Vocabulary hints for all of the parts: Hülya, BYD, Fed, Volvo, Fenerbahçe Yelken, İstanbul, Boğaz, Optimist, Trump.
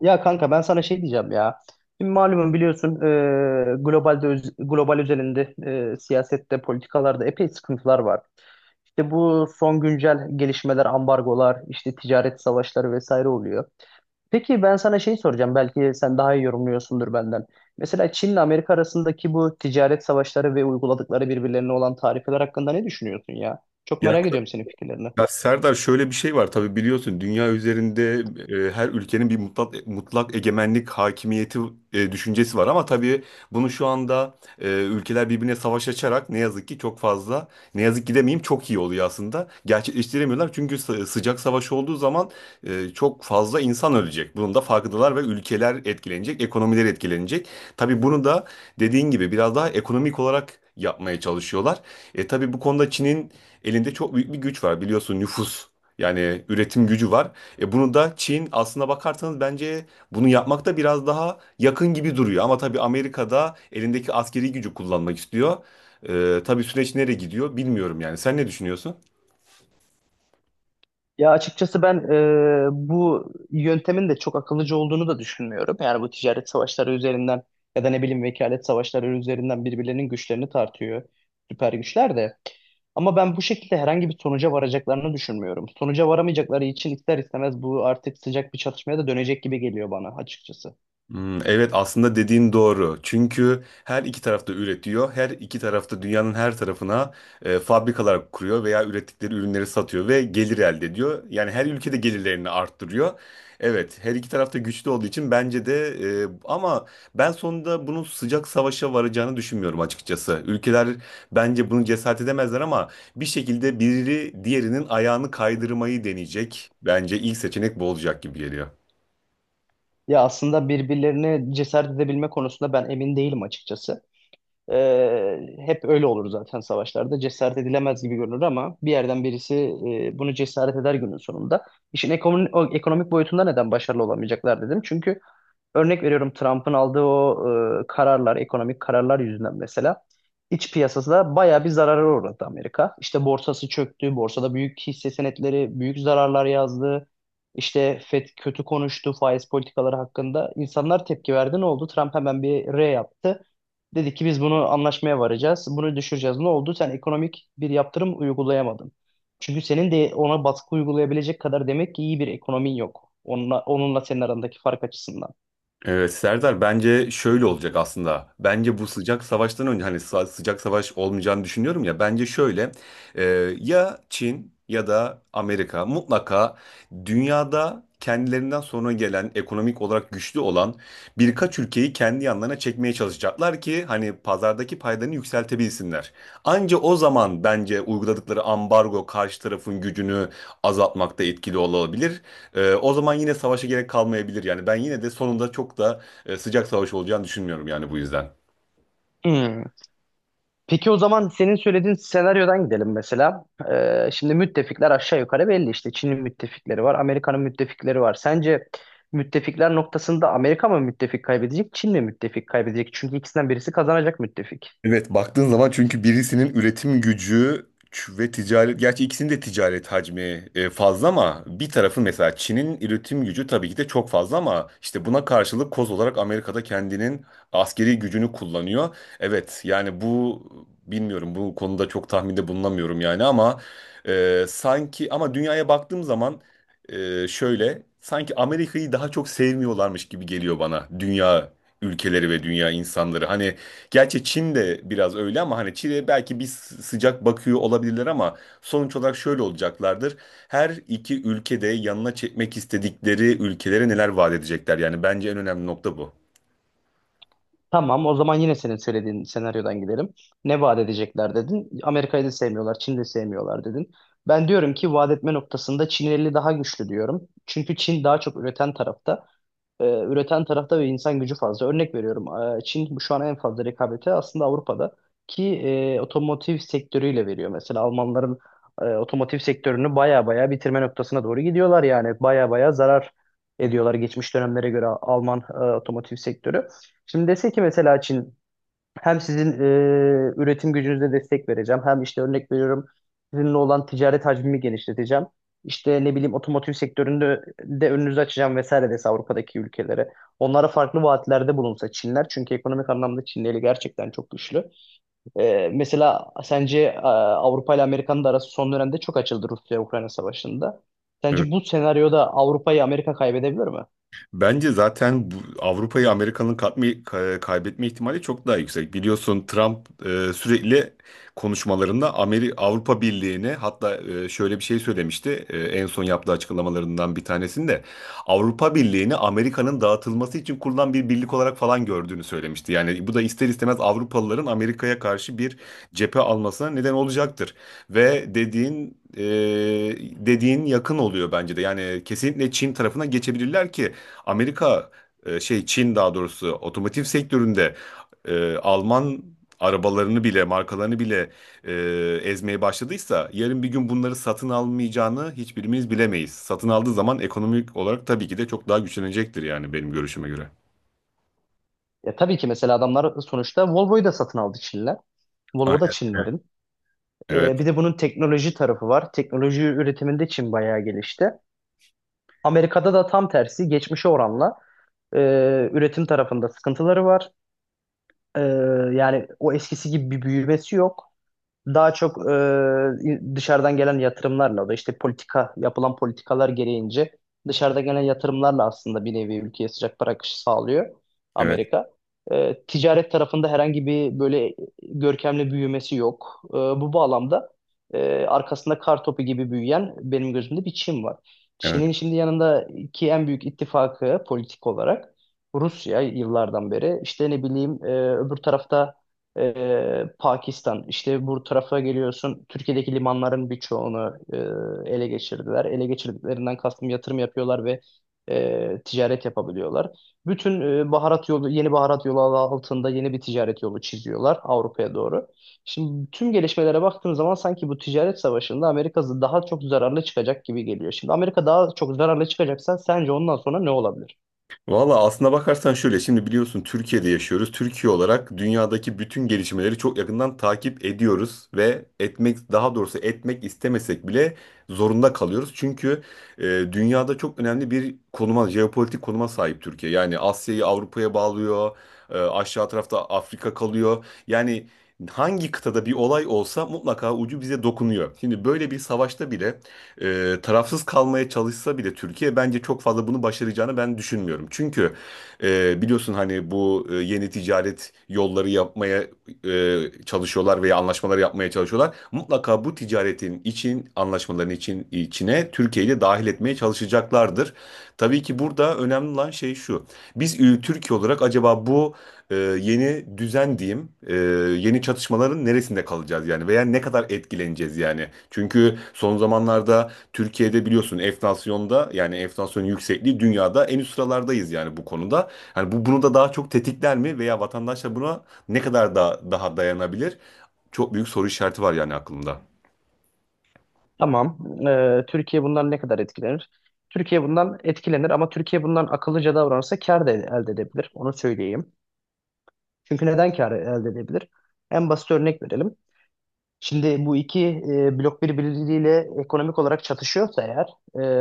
Ya kanka ben sana şey diyeceğim ya. Şimdi malumun biliyorsun global özelinde siyasette, politikalarda epey sıkıntılar var. İşte bu son güncel gelişmeler, ambargolar, işte ticaret savaşları vesaire oluyor. Peki ben sana şey soracağım. Belki sen daha iyi yorumluyorsundur benden. Mesela Çin'le Amerika arasındaki bu ticaret savaşları ve uyguladıkları birbirlerine olan tarifeler hakkında ne düşünüyorsun ya? Çok Ya, merak ediyorum senin fikirlerini. ya Serdar, şöyle bir şey var, tabii biliyorsun, dünya üzerinde her ülkenin bir mutlak egemenlik hakimiyeti düşüncesi var ama tabii bunu şu anda ülkeler birbirine savaş açarak ne yazık ki çok fazla, ne yazık ki demeyeyim, çok iyi oluyor aslında, gerçekleştiremiyorlar çünkü sıcak savaş olduğu zaman çok fazla insan ölecek, bunun da farkındalar ve ülkeler etkilenecek, ekonomiler etkilenecek. Tabii bunu da dediğin gibi biraz daha ekonomik olarak yapmaya çalışıyorlar. Tabii bu konuda Çin'in elinde çok büyük bir güç var, biliyorsun, nüfus. Yani üretim gücü var. Bunu da Çin, aslına bakarsanız, bence bunu yapmakta biraz daha yakın gibi duruyor. Ama tabii Amerika'da elindeki askeri gücü kullanmak istiyor. Tabii süreç nereye gidiyor bilmiyorum yani. Sen ne düşünüyorsun? Ya açıkçası ben bu yöntemin de çok akıllıca olduğunu da düşünmüyorum. Yani bu ticaret savaşları üzerinden ya da ne bileyim vekalet savaşları üzerinden birbirlerinin güçlerini tartıyor süper güçler de. Ama ben bu şekilde herhangi bir sonuca varacaklarını düşünmüyorum. Sonuca varamayacakları için ister istemez bu artık sıcak bir çatışmaya da dönecek gibi geliyor bana açıkçası. Hmm, evet, aslında dediğin doğru. Çünkü her iki tarafta üretiyor. Her iki tarafta dünyanın her tarafına fabrikalar kuruyor veya ürettikleri ürünleri satıyor ve gelir elde ediyor. Yani her ülkede gelirlerini arttırıyor. Evet, her iki tarafta güçlü olduğu için bence de, ama ben sonunda bunun sıcak savaşa varacağını düşünmüyorum açıkçası. Ülkeler bence bunu cesaret edemezler ama bir şekilde biri diğerinin ayağını kaydırmayı deneyecek. Bence ilk seçenek bu olacak gibi geliyor. Ya aslında birbirlerine cesaret edebilme konusunda ben emin değilim açıkçası. Hep öyle olur zaten savaşlarda. Cesaret edilemez gibi görünür ama bir yerden birisi bunu cesaret eder günün sonunda. İşin ekonomi, o ekonomik boyutunda neden başarılı olamayacaklar dedim. Çünkü örnek veriyorum Trump'ın aldığı o kararlar, ekonomik kararlar yüzünden mesela iç piyasasında bayağı bir zarara uğradı Amerika. İşte borsası çöktü, borsada büyük hisse senetleri, büyük zararlar yazdı. İşte Fed kötü konuştu faiz politikaları hakkında. İnsanlar tepki verdi. Ne oldu? Trump hemen bir R yaptı. Dedi ki biz bunu anlaşmaya varacağız. Bunu düşüreceğiz. Ne oldu? Sen ekonomik bir yaptırım uygulayamadın. Çünkü senin de ona baskı uygulayabilecek kadar demek ki iyi bir ekonomin yok. Onunla senin arandaki fark açısından. Evet Serdar, bence şöyle olacak aslında. Bence bu sıcak savaştan önce, hani sıcak savaş olmayacağını düşünüyorum ya. Bence şöyle, e, ya Çin ya da Amerika mutlaka dünyada kendilerinden sonra gelen ekonomik olarak güçlü olan birkaç ülkeyi kendi yanlarına çekmeye çalışacaklar ki hani pazardaki paylarını yükseltebilsinler. Anca o zaman bence uyguladıkları ambargo karşı tarafın gücünü azaltmakta etkili olabilir. O zaman yine savaşa gerek kalmayabilir. Yani ben yine de sonunda çok da sıcak savaş olacağını düşünmüyorum yani, bu yüzden. Hmm. Peki o zaman senin söylediğin senaryodan gidelim mesela. Şimdi müttefikler aşağı yukarı belli işte. Çin'in müttefikleri var, Amerika'nın müttefikleri var. Sence müttefikler noktasında Amerika mı müttefik kaybedecek, Çin mi müttefik kaybedecek? Çünkü ikisinden birisi kazanacak müttefik. Evet, baktığın zaman çünkü birisinin üretim gücü ve ticaret, gerçi ikisinin de ticaret hacmi fazla, ama bir tarafı, mesela Çin'in üretim gücü tabii ki de çok fazla, ama işte buna karşılık koz olarak Amerika'da kendinin askeri gücünü kullanıyor. Evet yani bu, bilmiyorum, bu konuda çok tahminde bulunamıyorum yani, ama sanki, ama dünyaya baktığım zaman şöyle, sanki Amerika'yı daha çok sevmiyorlarmış gibi geliyor bana, dünya ülkeleri ve dünya insanları. Hani gerçi Çin de biraz öyle ama hani Çin'e belki bir sıcak bakıyor olabilirler ama sonuç olarak şöyle olacaklardır. Her iki ülkede yanına çekmek istedikleri ülkelere neler vaat edecekler. Yani bence en önemli nokta bu. Tamam, o zaman yine senin söylediğin senaryodan gidelim. Ne vaat edecekler dedin. Amerika'yı da sevmiyorlar, Çin'i de sevmiyorlar dedin. Ben diyorum ki vaat etme noktasında Çin eli daha güçlü diyorum. Çünkü Çin daha çok üreten tarafta. Üreten tarafta ve insan gücü fazla. Örnek veriyorum. Çin şu an en fazla rekabeti aslında Avrupa'da ki otomotiv sektörüyle veriyor. Mesela Almanların otomotiv sektörünü baya baya bitirme noktasına doğru gidiyorlar yani. Baya baya zarar ediyorlar geçmiş dönemlere göre Alman otomotiv sektörü. Şimdi dese ki mesela Çin hem sizin üretim gücünüze destek vereceğim. Hem işte örnek veriyorum sizinle olan ticaret hacmimi genişleteceğim. İşte ne bileyim otomotiv sektöründe de önünüzü açacağım vesaire dese Avrupa'daki ülkelere. Onlara farklı vaatlerde bulunsa Çinler. Çünkü ekonomik anlamda Çin eli gerçekten çok güçlü. Mesela sence Avrupa ile Amerika'nın da arası son dönemde çok açıldı Rusya-Ukrayna savaşında. Sence bu senaryoda Avrupa'yı Amerika kaybedebilir mi? Bence zaten bu, Avrupa'yı Amerika'nın kaybetme ihtimali çok daha yüksek. Biliyorsun Trump sürekli konuşmalarında Avrupa Birliği'ni, hatta şöyle bir şey söylemişti, en son yaptığı açıklamalarından bir tanesinde Avrupa Birliği'ni Amerika'nın dağıtılması için kurulan bir birlik olarak falan gördüğünü söylemişti. Yani bu da ister istemez Avrupalıların Amerika'ya karşı bir cephe almasına neden olacaktır. Ve dediğin yakın oluyor bence de. Yani kesinlikle Çin tarafına geçebilirler ki Amerika, şey, Çin daha doğrusu, otomotiv sektöründe Alman arabalarını bile, markalarını bile e, ezmeye başladıysa yarın bir gün bunları satın almayacağını hiçbirimiz bilemeyiz. Satın aldığı zaman ekonomik olarak tabii ki de çok daha güçlenecektir yani, benim görüşüme göre. Ya tabii ki mesela adamlar sonuçta Volvo'yu da satın aldı Çinler. Volvo da Aynen. Çinlerin. Evet, Bir de bunun teknoloji tarafı var. Teknoloji üretiminde Çin bayağı gelişti. Amerika'da da tam tersi geçmişe oranla e, üretim tarafında sıkıntıları var. E, Yani o eskisi gibi bir büyümesi yok. Daha çok dışarıdan gelen yatırımlarla da işte politika yapılan politikalar gereğince dışarıdan gelen yatırımlarla aslında bir nevi ülkeye sıcak para akışı sağlıyor evet, Amerika. Ticaret tarafında herhangi bir böyle görkemli büyümesi yok. Bu bağlamda arkasında kar topu gibi büyüyen benim gözümde bir Çin var. evet. Çin'in şimdi yanındaki en büyük ittifakı politik olarak Rusya yıllardan beri işte ne bileyim öbür tarafta Pakistan. İşte bu tarafa geliyorsun. Türkiye'deki limanların birçoğunu ele geçirdiler. Ele geçirdiklerinden kastım yatırım yapıyorlar ve ticaret yapabiliyorlar. Bütün baharat yolu, yeni baharat yolu adı altında yeni bir ticaret yolu çiziyorlar Avrupa'ya doğru. Şimdi tüm gelişmelere baktığın zaman sanki bu ticaret savaşında Amerika daha çok zararlı çıkacak gibi geliyor. Şimdi Amerika daha çok zararlı çıkacaksa sence ondan sonra ne olabilir? Valla aslına bakarsan şöyle, şimdi biliyorsun Türkiye'de yaşıyoruz. Türkiye olarak dünyadaki bütün gelişmeleri çok yakından takip ediyoruz ve etmek, daha doğrusu etmek istemesek bile zorunda kalıyoruz. Çünkü e, dünyada çok önemli bir konuma, jeopolitik konuma sahip Türkiye. Yani Asya'yı Avrupa'ya bağlıyor, aşağı tarafta Afrika kalıyor. Yani hangi kıtada bir olay olsa mutlaka ucu bize dokunuyor. Şimdi böyle bir savaşta bile tarafsız kalmaya çalışsa bile Türkiye, bence çok fazla bunu başaracağını ben düşünmüyorum. Çünkü biliyorsun hani bu yeni ticaret yolları yapmaya e, çalışıyorlar veya anlaşmaları yapmaya çalışıyorlar. Mutlaka bu ticaretin için, anlaşmaların için içine Türkiye'yi de dahil etmeye çalışacaklardır. Tabii ki burada önemli olan şey şu. Biz Türkiye olarak acaba bu yeni düzen diyeyim, yeni çatışmaların neresinde kalacağız yani, veya ne kadar etkileneceğiz yani. Çünkü son zamanlarda Türkiye'de biliyorsun enflasyonda, yani enflasyon yüksekliği, dünyada en üst sıralardayız yani bu konuda. Hani bu bunu da daha çok tetikler mi, veya vatandaşlar buna ne kadar da daha dayanabilir? Çok büyük soru işareti var yani aklımda. Tamam. Türkiye bundan ne kadar etkilenir? Türkiye bundan etkilenir ama Türkiye bundan akıllıca davranırsa kar da elde edebilir. Onu söyleyeyim. Çünkü neden kar elde edebilir? En basit örnek verelim. Şimdi bu iki blok birbiriyle ekonomik olarak çatışıyorsa eğer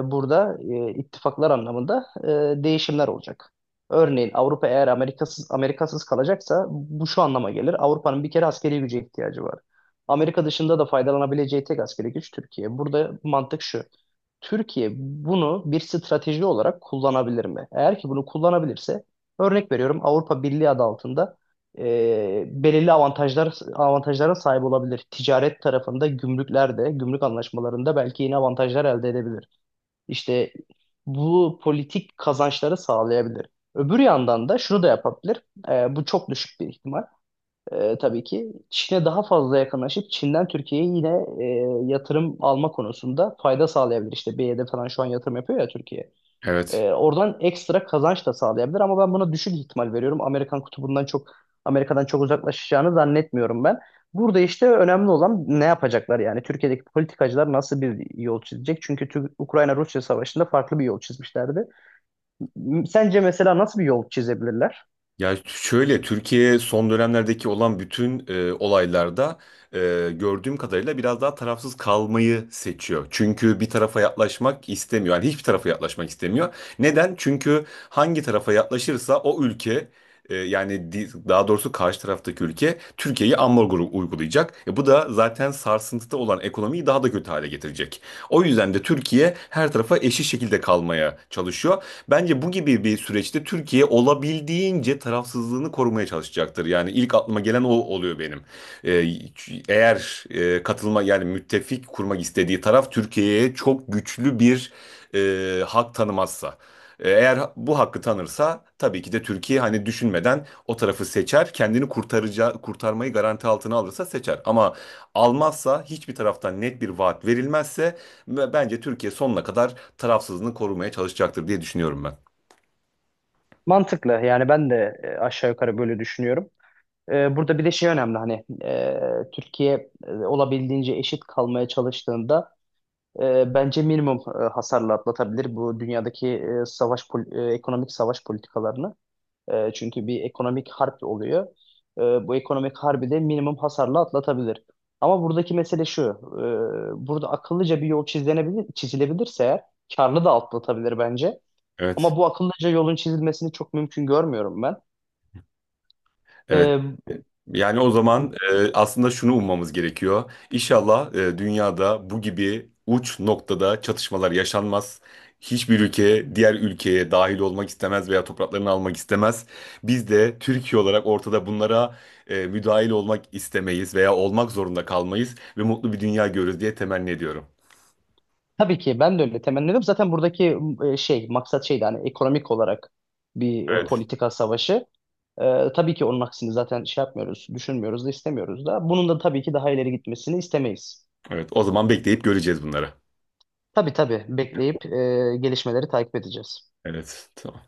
burada ittifaklar anlamında değişimler olacak. Örneğin Avrupa eğer Amerikasız kalacaksa bu şu anlama gelir. Avrupa'nın bir kere askeri güce ihtiyacı var. Amerika dışında da faydalanabileceği tek askeri güç Türkiye. Burada mantık şu. Türkiye bunu bir strateji olarak kullanabilir mi? Eğer ki bunu kullanabilirse örnek veriyorum Avrupa Birliği adı altında belirli avantajlar avantajlara sahip olabilir. Ticaret tarafında gümrüklerde, gümrük anlaşmalarında belki yeni avantajlar elde edebilir. İşte bu politik kazançları sağlayabilir. Öbür yandan da şunu da yapabilir. Bu çok düşük bir ihtimal. Tabii ki Çin'e daha fazla yakınlaşıp Çin'den Türkiye'ye yine yatırım alma konusunda fayda sağlayabilir. İşte BYD falan şu an yatırım yapıyor ya Türkiye. Evet. Oradan ekstra kazanç da sağlayabilir ama ben buna düşük ihtimal veriyorum. Amerikan kutubundan çok Amerika'dan çok uzaklaşacağını zannetmiyorum ben. Burada işte önemli olan ne yapacaklar yani Türkiye'deki politikacılar nasıl bir yol çizecek? Ukrayna-Rusya savaşında farklı bir yol çizmişlerdi. Sence mesela nasıl bir yol çizebilirler? Ya şöyle, Türkiye son dönemlerdeki olan bütün olaylarda e, gördüğüm kadarıyla biraz daha tarafsız kalmayı seçiyor. Çünkü bir tarafa yaklaşmak istemiyor. Yani hiçbir tarafa yaklaşmak istemiyor. Neden? Çünkü hangi tarafa yaklaşırsa o ülke, daha doğrusu karşı taraftaki ülke Türkiye'yi ambargo uygulayacak. Bu da zaten sarsıntıda olan ekonomiyi daha da kötü hale getirecek. O yüzden de Türkiye her tarafa eşit şekilde kalmaya çalışıyor. Bence bu gibi bir süreçte Türkiye olabildiğince tarafsızlığını korumaya çalışacaktır. Yani ilk aklıma gelen o oluyor benim. Ee, Eğer katılma, yani müttefik kurmak istediği taraf Türkiye'ye çok güçlü bir hak tanımazsa. Eğer bu hakkı tanırsa tabii ki de Türkiye hani düşünmeden o tarafı seçer. Kendini kurtaracağı, kurtarmayı garanti altına alırsa seçer. Ama almazsa, hiçbir taraftan net bir vaat verilmezse, ve bence Türkiye sonuna kadar tarafsızlığını korumaya çalışacaktır diye düşünüyorum ben. Mantıklı yani ben de aşağı yukarı böyle düşünüyorum. Burada bir de şey önemli hani Türkiye olabildiğince eşit kalmaya çalıştığında bence minimum hasarla atlatabilir bu dünyadaki ekonomik savaş politikalarını. Çünkü bir ekonomik harp oluyor. E, Bu ekonomik harbi de minimum hasarla atlatabilir. Ama buradaki mesele şu. Burada akıllıca bir yol çizilebilir, çizilebilirse eğer karlı da atlatabilir bence. Evet. Ama bu akıllıca yolun çizilmesini çok mümkün görmüyorum ben. Evet. E, Yani o zaman aslında şunu ummamız gerekiyor. İnşallah dünyada bu gibi uç noktada çatışmalar yaşanmaz. Hiçbir ülke diğer ülkeye dahil olmak istemez veya topraklarını almak istemez. Biz de Türkiye olarak ortada bunlara müdahil olmak istemeyiz veya olmak zorunda kalmayız ve mutlu bir dünya görürüz diye temenni ediyorum. Tabii ki ben de öyle temenni ediyorum. Zaten buradaki maksat şeydi hani ekonomik olarak bir Evet. politika savaşı. Tabii ki onun aksini zaten şey yapmıyoruz, düşünmüyoruz da istemiyoruz da. Bunun da tabii ki daha ileri gitmesini istemeyiz. Evet. O zaman bekleyip göreceğiz bunları. Tabii tabii bekleyip gelişmeleri takip edeceğiz. Evet. Tamam.